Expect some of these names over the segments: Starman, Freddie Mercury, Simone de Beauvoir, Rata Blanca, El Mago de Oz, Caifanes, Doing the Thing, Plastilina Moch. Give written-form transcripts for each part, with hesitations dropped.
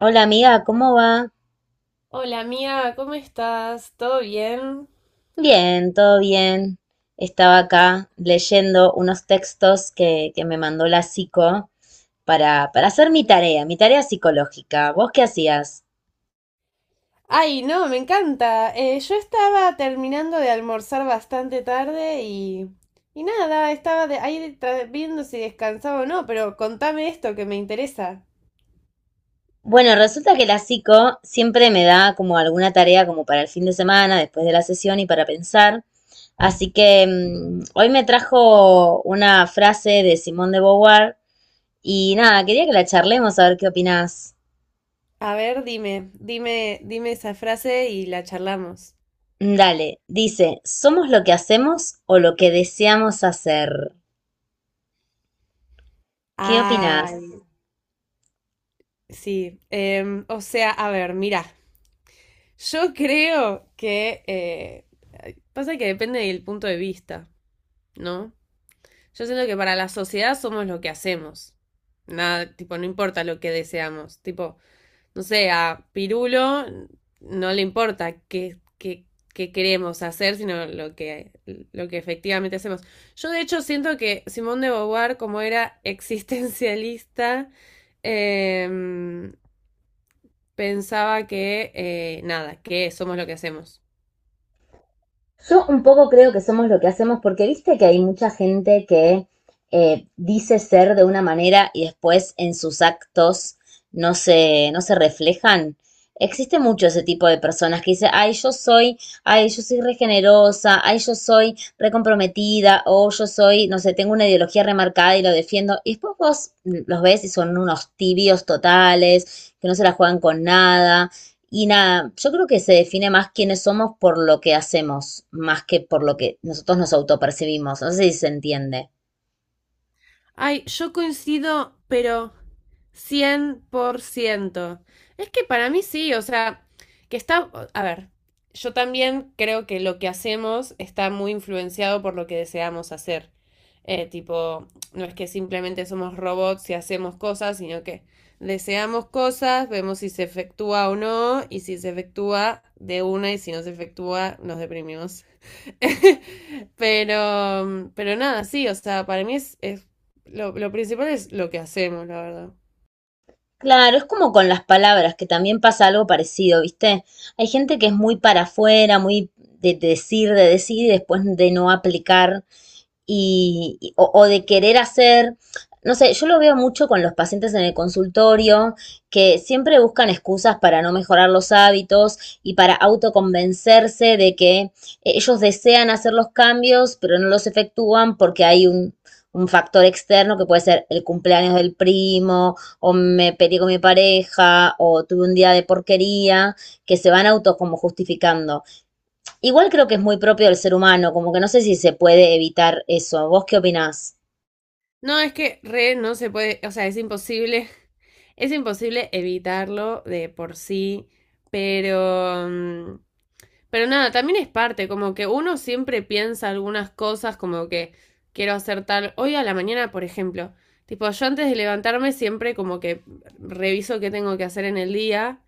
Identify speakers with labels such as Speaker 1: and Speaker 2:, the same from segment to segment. Speaker 1: Hola amiga, ¿cómo va?
Speaker 2: Hola mía, ¿cómo estás? ¿Todo bien?
Speaker 1: Bien, todo bien. Estaba acá leyendo unos textos que me mandó la psico para hacer mi tarea psicológica. ¿Vos qué hacías?
Speaker 2: Ay, no, me encanta. Yo estaba terminando de almorzar bastante tarde y nada, estaba ahí viendo si descansaba o no, pero contame esto que me interesa.
Speaker 1: Bueno, resulta que la psico siempre me da como alguna tarea como para el fin de semana, después de la sesión y para pensar. Así que hoy me trajo una frase de Simone de Beauvoir y nada, quería que la charlemos a ver qué opinás.
Speaker 2: A ver, dime esa frase y la charlamos.
Speaker 1: Dale, dice, somos lo que hacemos o lo que deseamos hacer. ¿Qué opinás?
Speaker 2: Ay, sí. O sea, a ver, mira, yo creo que, pasa que depende del punto de vista, ¿no? Yo siento que para la sociedad somos lo que hacemos. Nada, tipo, no importa lo que deseamos. Tipo, no sé, a Pirulo no le importa qué queremos hacer, sino lo que efectivamente hacemos. Yo, de hecho, siento que Simón de Beauvoir, como era existencialista, eh, pensaba que, nada, que somos lo que hacemos.
Speaker 1: Yo un poco creo que somos lo que hacemos porque viste que hay mucha gente que dice ser de una manera y después en sus actos no se reflejan. Existe mucho ese tipo de personas que dice, ay, yo soy regenerosa, ay, yo soy recomprometida, o yo soy, no sé, tengo una ideología remarcada y lo defiendo. Y después vos los ves y son unos tibios totales, que no se la juegan con nada y nada, yo creo que se define más quiénes somos por lo que hacemos, más que por lo que nosotros nos autopercibimos. No sé si se entiende.
Speaker 2: Ay, yo coincido, pero 100%. Es que para mí sí, o sea, que está, a ver, yo también creo que lo que hacemos está muy influenciado por lo que deseamos hacer. Tipo, no es que simplemente somos robots y hacemos cosas, sino que deseamos cosas, vemos si se efectúa o no, y si se efectúa de una, y si no se efectúa, nos deprimimos. Pero nada, sí, o sea, para mí es lo principal es lo que hacemos, la verdad.
Speaker 1: Claro, es como con las palabras, que también pasa algo parecido, ¿viste? Hay gente que es muy para afuera, muy de decir y después de no aplicar o de querer hacer, no sé, yo lo veo mucho con los pacientes en el consultorio que siempre buscan excusas para no mejorar los hábitos y para autoconvencerse de que ellos desean hacer los cambios, pero no los efectúan porque hay un factor externo que puede ser el cumpleaños del primo, o me peleé con mi pareja, o tuve un día de porquería, que se van auto como justificando. Igual creo que es muy propio del ser humano, como que no sé si se puede evitar eso. ¿Vos qué opinás?
Speaker 2: No, es que re no se puede, o sea, es imposible, es imposible evitarlo de por sí, pero, pero nada, también es parte, como que uno siempre piensa algunas cosas como que quiero hacer tal. Hoy a la mañana, por ejemplo, tipo, yo antes de levantarme siempre como que reviso qué tengo que hacer en el día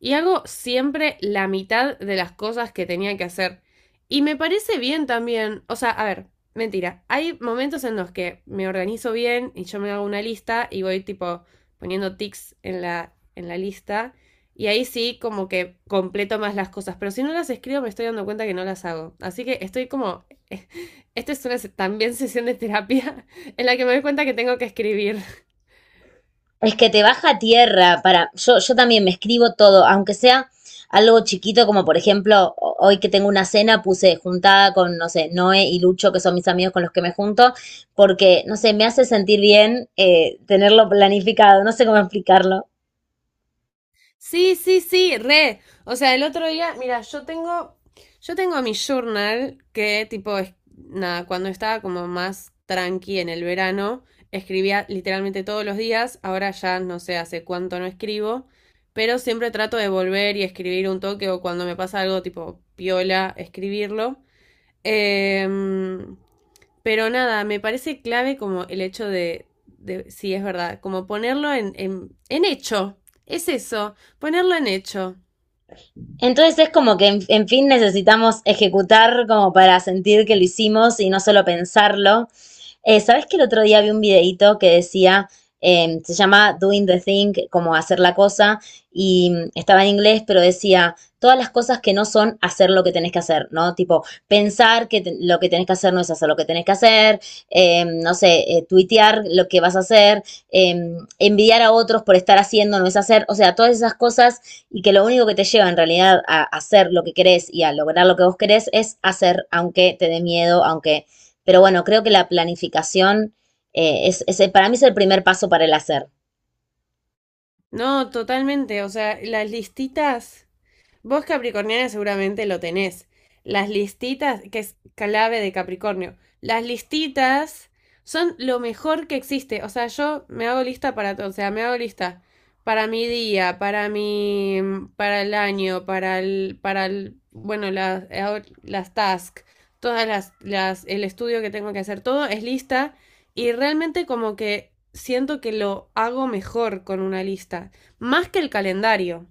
Speaker 2: y hago siempre la mitad de las cosas que tenía que hacer. Y me parece bien también, o sea, a ver, mentira, hay momentos en los que me organizo bien y yo me hago una lista y voy tipo poniendo tics en la lista y ahí sí, como que completo más las cosas. Pero si no las escribo, me estoy dando cuenta que no las hago. Así que estoy como. Esta es una también sesión de terapia en la que me doy cuenta que tengo que escribir.
Speaker 1: Es que te baja a tierra para... Yo también me escribo todo, aunque sea algo chiquito, como por ejemplo, hoy que tengo una cena, puse juntada con, no sé, Noé y Lucho, que son mis amigos con los que me junto, porque, no sé, me hace sentir bien tenerlo planificado, no sé cómo explicarlo.
Speaker 2: Sí, sí, re. O sea, el otro día, mira, yo tengo mi journal que tipo, es, nada, cuando estaba como más tranqui en el verano, escribía literalmente todos los días, ahora ya no sé hace cuánto no escribo, pero siempre trato de volver y escribir un toque o cuando me pasa algo tipo piola, escribirlo. Em, pero nada, me parece clave como el hecho de sí, es verdad, como ponerlo en hecho. Es eso, ponerlo en hecho.
Speaker 1: Entonces es como que, en fin, necesitamos ejecutar como para sentir que lo hicimos y no solo pensarlo. ¿Sabes que el otro día vi un videíto que decía, se llama Doing the Thing, como hacer la cosa, y estaba en inglés, pero decía, todas las cosas que no son hacer lo que tenés que hacer, ¿no? Tipo, lo que tenés que hacer no es hacer lo que tenés que hacer, no sé, tuitear lo que vas a hacer, eh, envidiar a otros por estar haciendo no es hacer, o sea, todas esas cosas y que lo único que te lleva en realidad a hacer lo que querés y a lograr lo que vos querés es hacer, aunque te dé miedo, aunque... Pero bueno, creo que la planificación para mí es el primer paso para el hacer.
Speaker 2: No, totalmente. O sea, las listitas, vos, Capricorniana, seguramente lo tenés. Las listitas, que es clave de Capricornio, las listitas son lo mejor que existe. O sea, yo me hago lista para todo. O sea, me hago lista para mi día, para el año, para el, bueno, las tasks, todas las, el estudio que tengo que hacer, todo es lista y realmente como que siento que lo hago mejor con una lista, más que el calendario.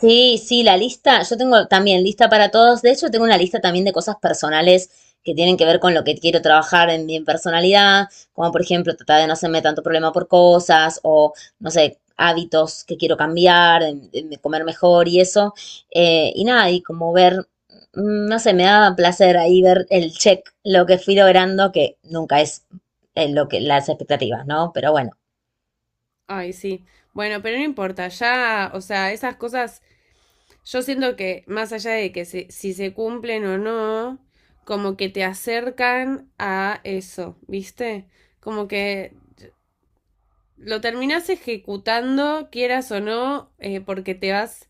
Speaker 1: Sí, sí, la lista, yo tengo también lista para todos. De hecho, tengo una lista también de cosas personales que tienen que ver con lo que quiero trabajar en mi personalidad, como por ejemplo tratar de no hacerme tanto problema por cosas o, no sé, hábitos que quiero cambiar, comer mejor y eso. Y nada, y como ver, no sé, me da placer ahí ver el check, lo que fui logrando, que nunca es lo que las expectativas, ¿no? Pero bueno.
Speaker 2: Ay, sí. Bueno, pero no importa, ya, o sea, esas cosas, yo siento que más allá de si se cumplen o no, como que te acercan a eso, ¿viste? Como que lo terminás ejecutando, quieras o no, porque te vas,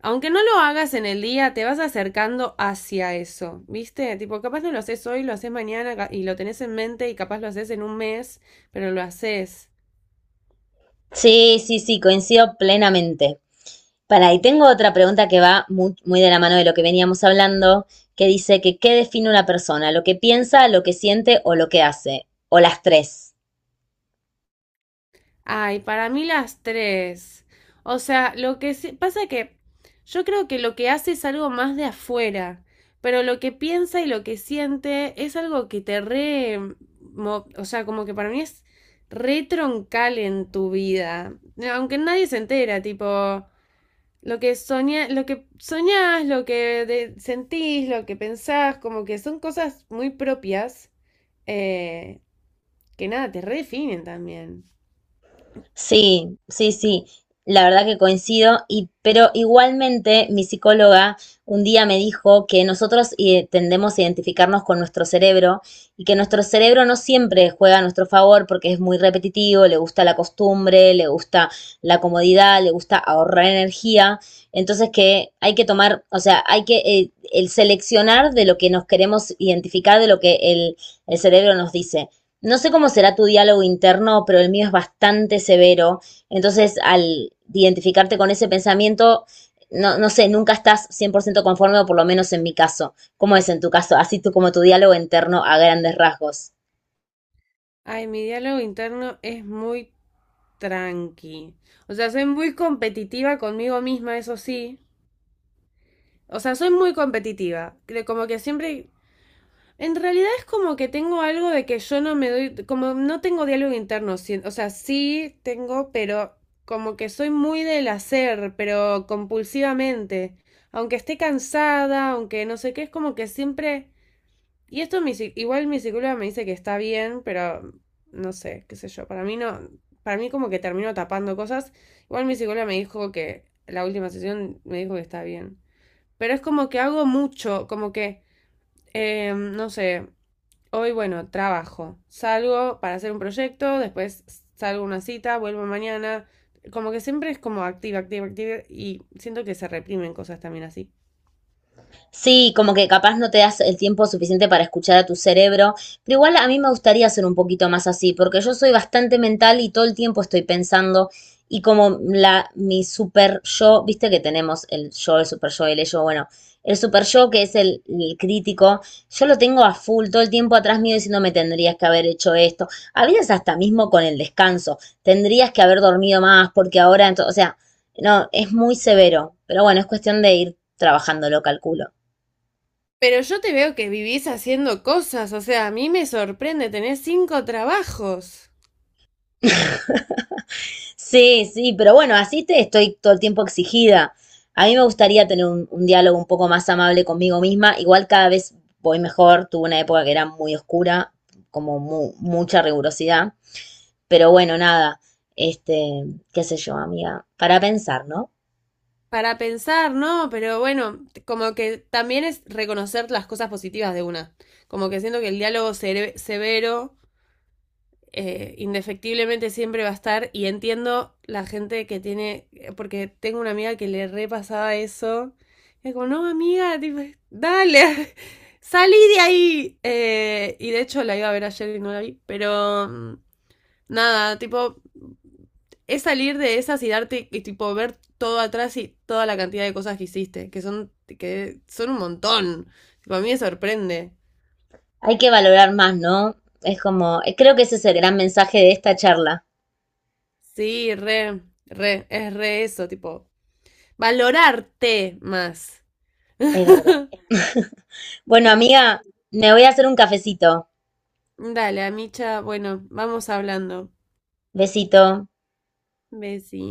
Speaker 2: aunque no lo hagas en el día, te vas acercando hacia eso, ¿viste? Tipo, capaz no lo haces hoy, lo haces mañana y lo tenés en mente y capaz lo haces en un mes, pero lo haces.
Speaker 1: Sí, sí, sí, coincido plenamente. Para, y tengo otra pregunta que va muy, muy de la mano de lo que veníamos hablando, que dice que qué define una persona, lo que piensa, lo que siente o lo que hace, o las tres.
Speaker 2: Ay, para mí las tres. O sea, pasa que yo creo que lo que hace es algo más de afuera, pero lo que piensa y lo que siente es algo que te re... O sea, como que para mí es re troncal en tu vida. No, aunque nadie se entera, tipo, lo que soñás, lo que sentís, lo que pensás, como que son cosas muy propias eh, que nada, te redefinen también.
Speaker 1: Sí, sí, sí, la verdad que coincido, y, pero igualmente mi psicóloga un día me dijo que nosotros tendemos a identificarnos con nuestro cerebro y que nuestro cerebro no siempre juega a nuestro favor porque es muy repetitivo, le gusta la costumbre, le gusta la comodidad, le gusta ahorrar energía, entonces que hay que tomar, o sea, hay que el seleccionar de lo que nos queremos identificar, de lo el cerebro nos dice. No sé cómo será tu diálogo interno, pero el mío es bastante severo. Entonces, al identificarte con ese pensamiento, no, no sé, nunca estás 100% conforme, o por lo menos en mi caso. ¿Cómo es en tu caso? Así tú como tu diálogo interno a grandes rasgos.
Speaker 2: Ay, mi diálogo interno es muy tranqui. O sea, soy muy competitiva conmigo misma, eso sí. O sea, soy muy competitiva. Creo como que siempre... En realidad es como que tengo algo de que yo no me doy... Como no tengo diálogo interno. O sea, sí tengo, pero como que soy muy del hacer, pero compulsivamente. Aunque esté cansada, aunque no sé qué, es como que siempre... Y esto igual mi psicóloga me dice que está bien, pero no sé, qué sé yo. Para mí no, para mí como que termino tapando cosas. Igual mi psicóloga me dijo que la última sesión me dijo que está bien. Pero es como que hago mucho, como que, no sé, hoy bueno, trabajo, salgo para hacer un proyecto, después salgo a una cita, vuelvo mañana. Como que siempre es como activa, activa, activa y siento que se reprimen cosas también así.
Speaker 1: Sí, como que capaz no te das el tiempo suficiente para escuchar a tu cerebro, pero igual a mí me gustaría ser un poquito más así, porque yo soy bastante mental y todo el tiempo estoy pensando y como la mi super yo, viste que tenemos el yo, el super yo, el ello, bueno, el super yo que es el crítico, yo lo tengo a full todo el tiempo atrás mío diciendo me tendrías que haber hecho esto, a veces hasta mismo con el descanso, tendrías que haber dormido más porque ahora, o sea, no, es muy severo, pero bueno, es cuestión de ir trabajándolo, calculo.
Speaker 2: Pero yo te veo que vivís haciendo cosas, o sea, a mí me sorprende, tenés 5 trabajos
Speaker 1: Sí, sí, pero bueno, así te estoy todo el tiempo exigida. A mí me gustaría tener un diálogo un poco más amable conmigo misma. Igual cada vez voy mejor. Tuve una época que era muy oscura, como mucha rigurosidad. Pero bueno, nada. Este, qué sé yo, amiga. Para pensar, ¿no?
Speaker 2: para pensar, ¿no? Pero bueno, como que también es reconocer las cosas positivas de una. Como que siento que el diálogo severo indefectiblemente siempre va a estar y entiendo la gente que tiene, porque tengo una amiga que le repasaba eso. Y como, no, amiga, tipo, dale, salí de ahí. Y de hecho la iba a ver ayer y no la vi, pero... nada, tipo, es salir de esas y darte, y tipo, ver todo atrás y toda la cantidad de cosas que hiciste, que son un montón. Tipo, a mí me sorprende.
Speaker 1: Hay que valorar más, ¿no? Es como, creo que ese es el gran mensaje de esta charla.
Speaker 2: Sí, re, re, es re eso, tipo, valorarte más.
Speaker 1: Es verdad. Bueno, amiga, me voy a hacer un cafecito.
Speaker 2: Dale, Amicha, bueno, vamos hablando.
Speaker 1: Besito.
Speaker 2: Besi.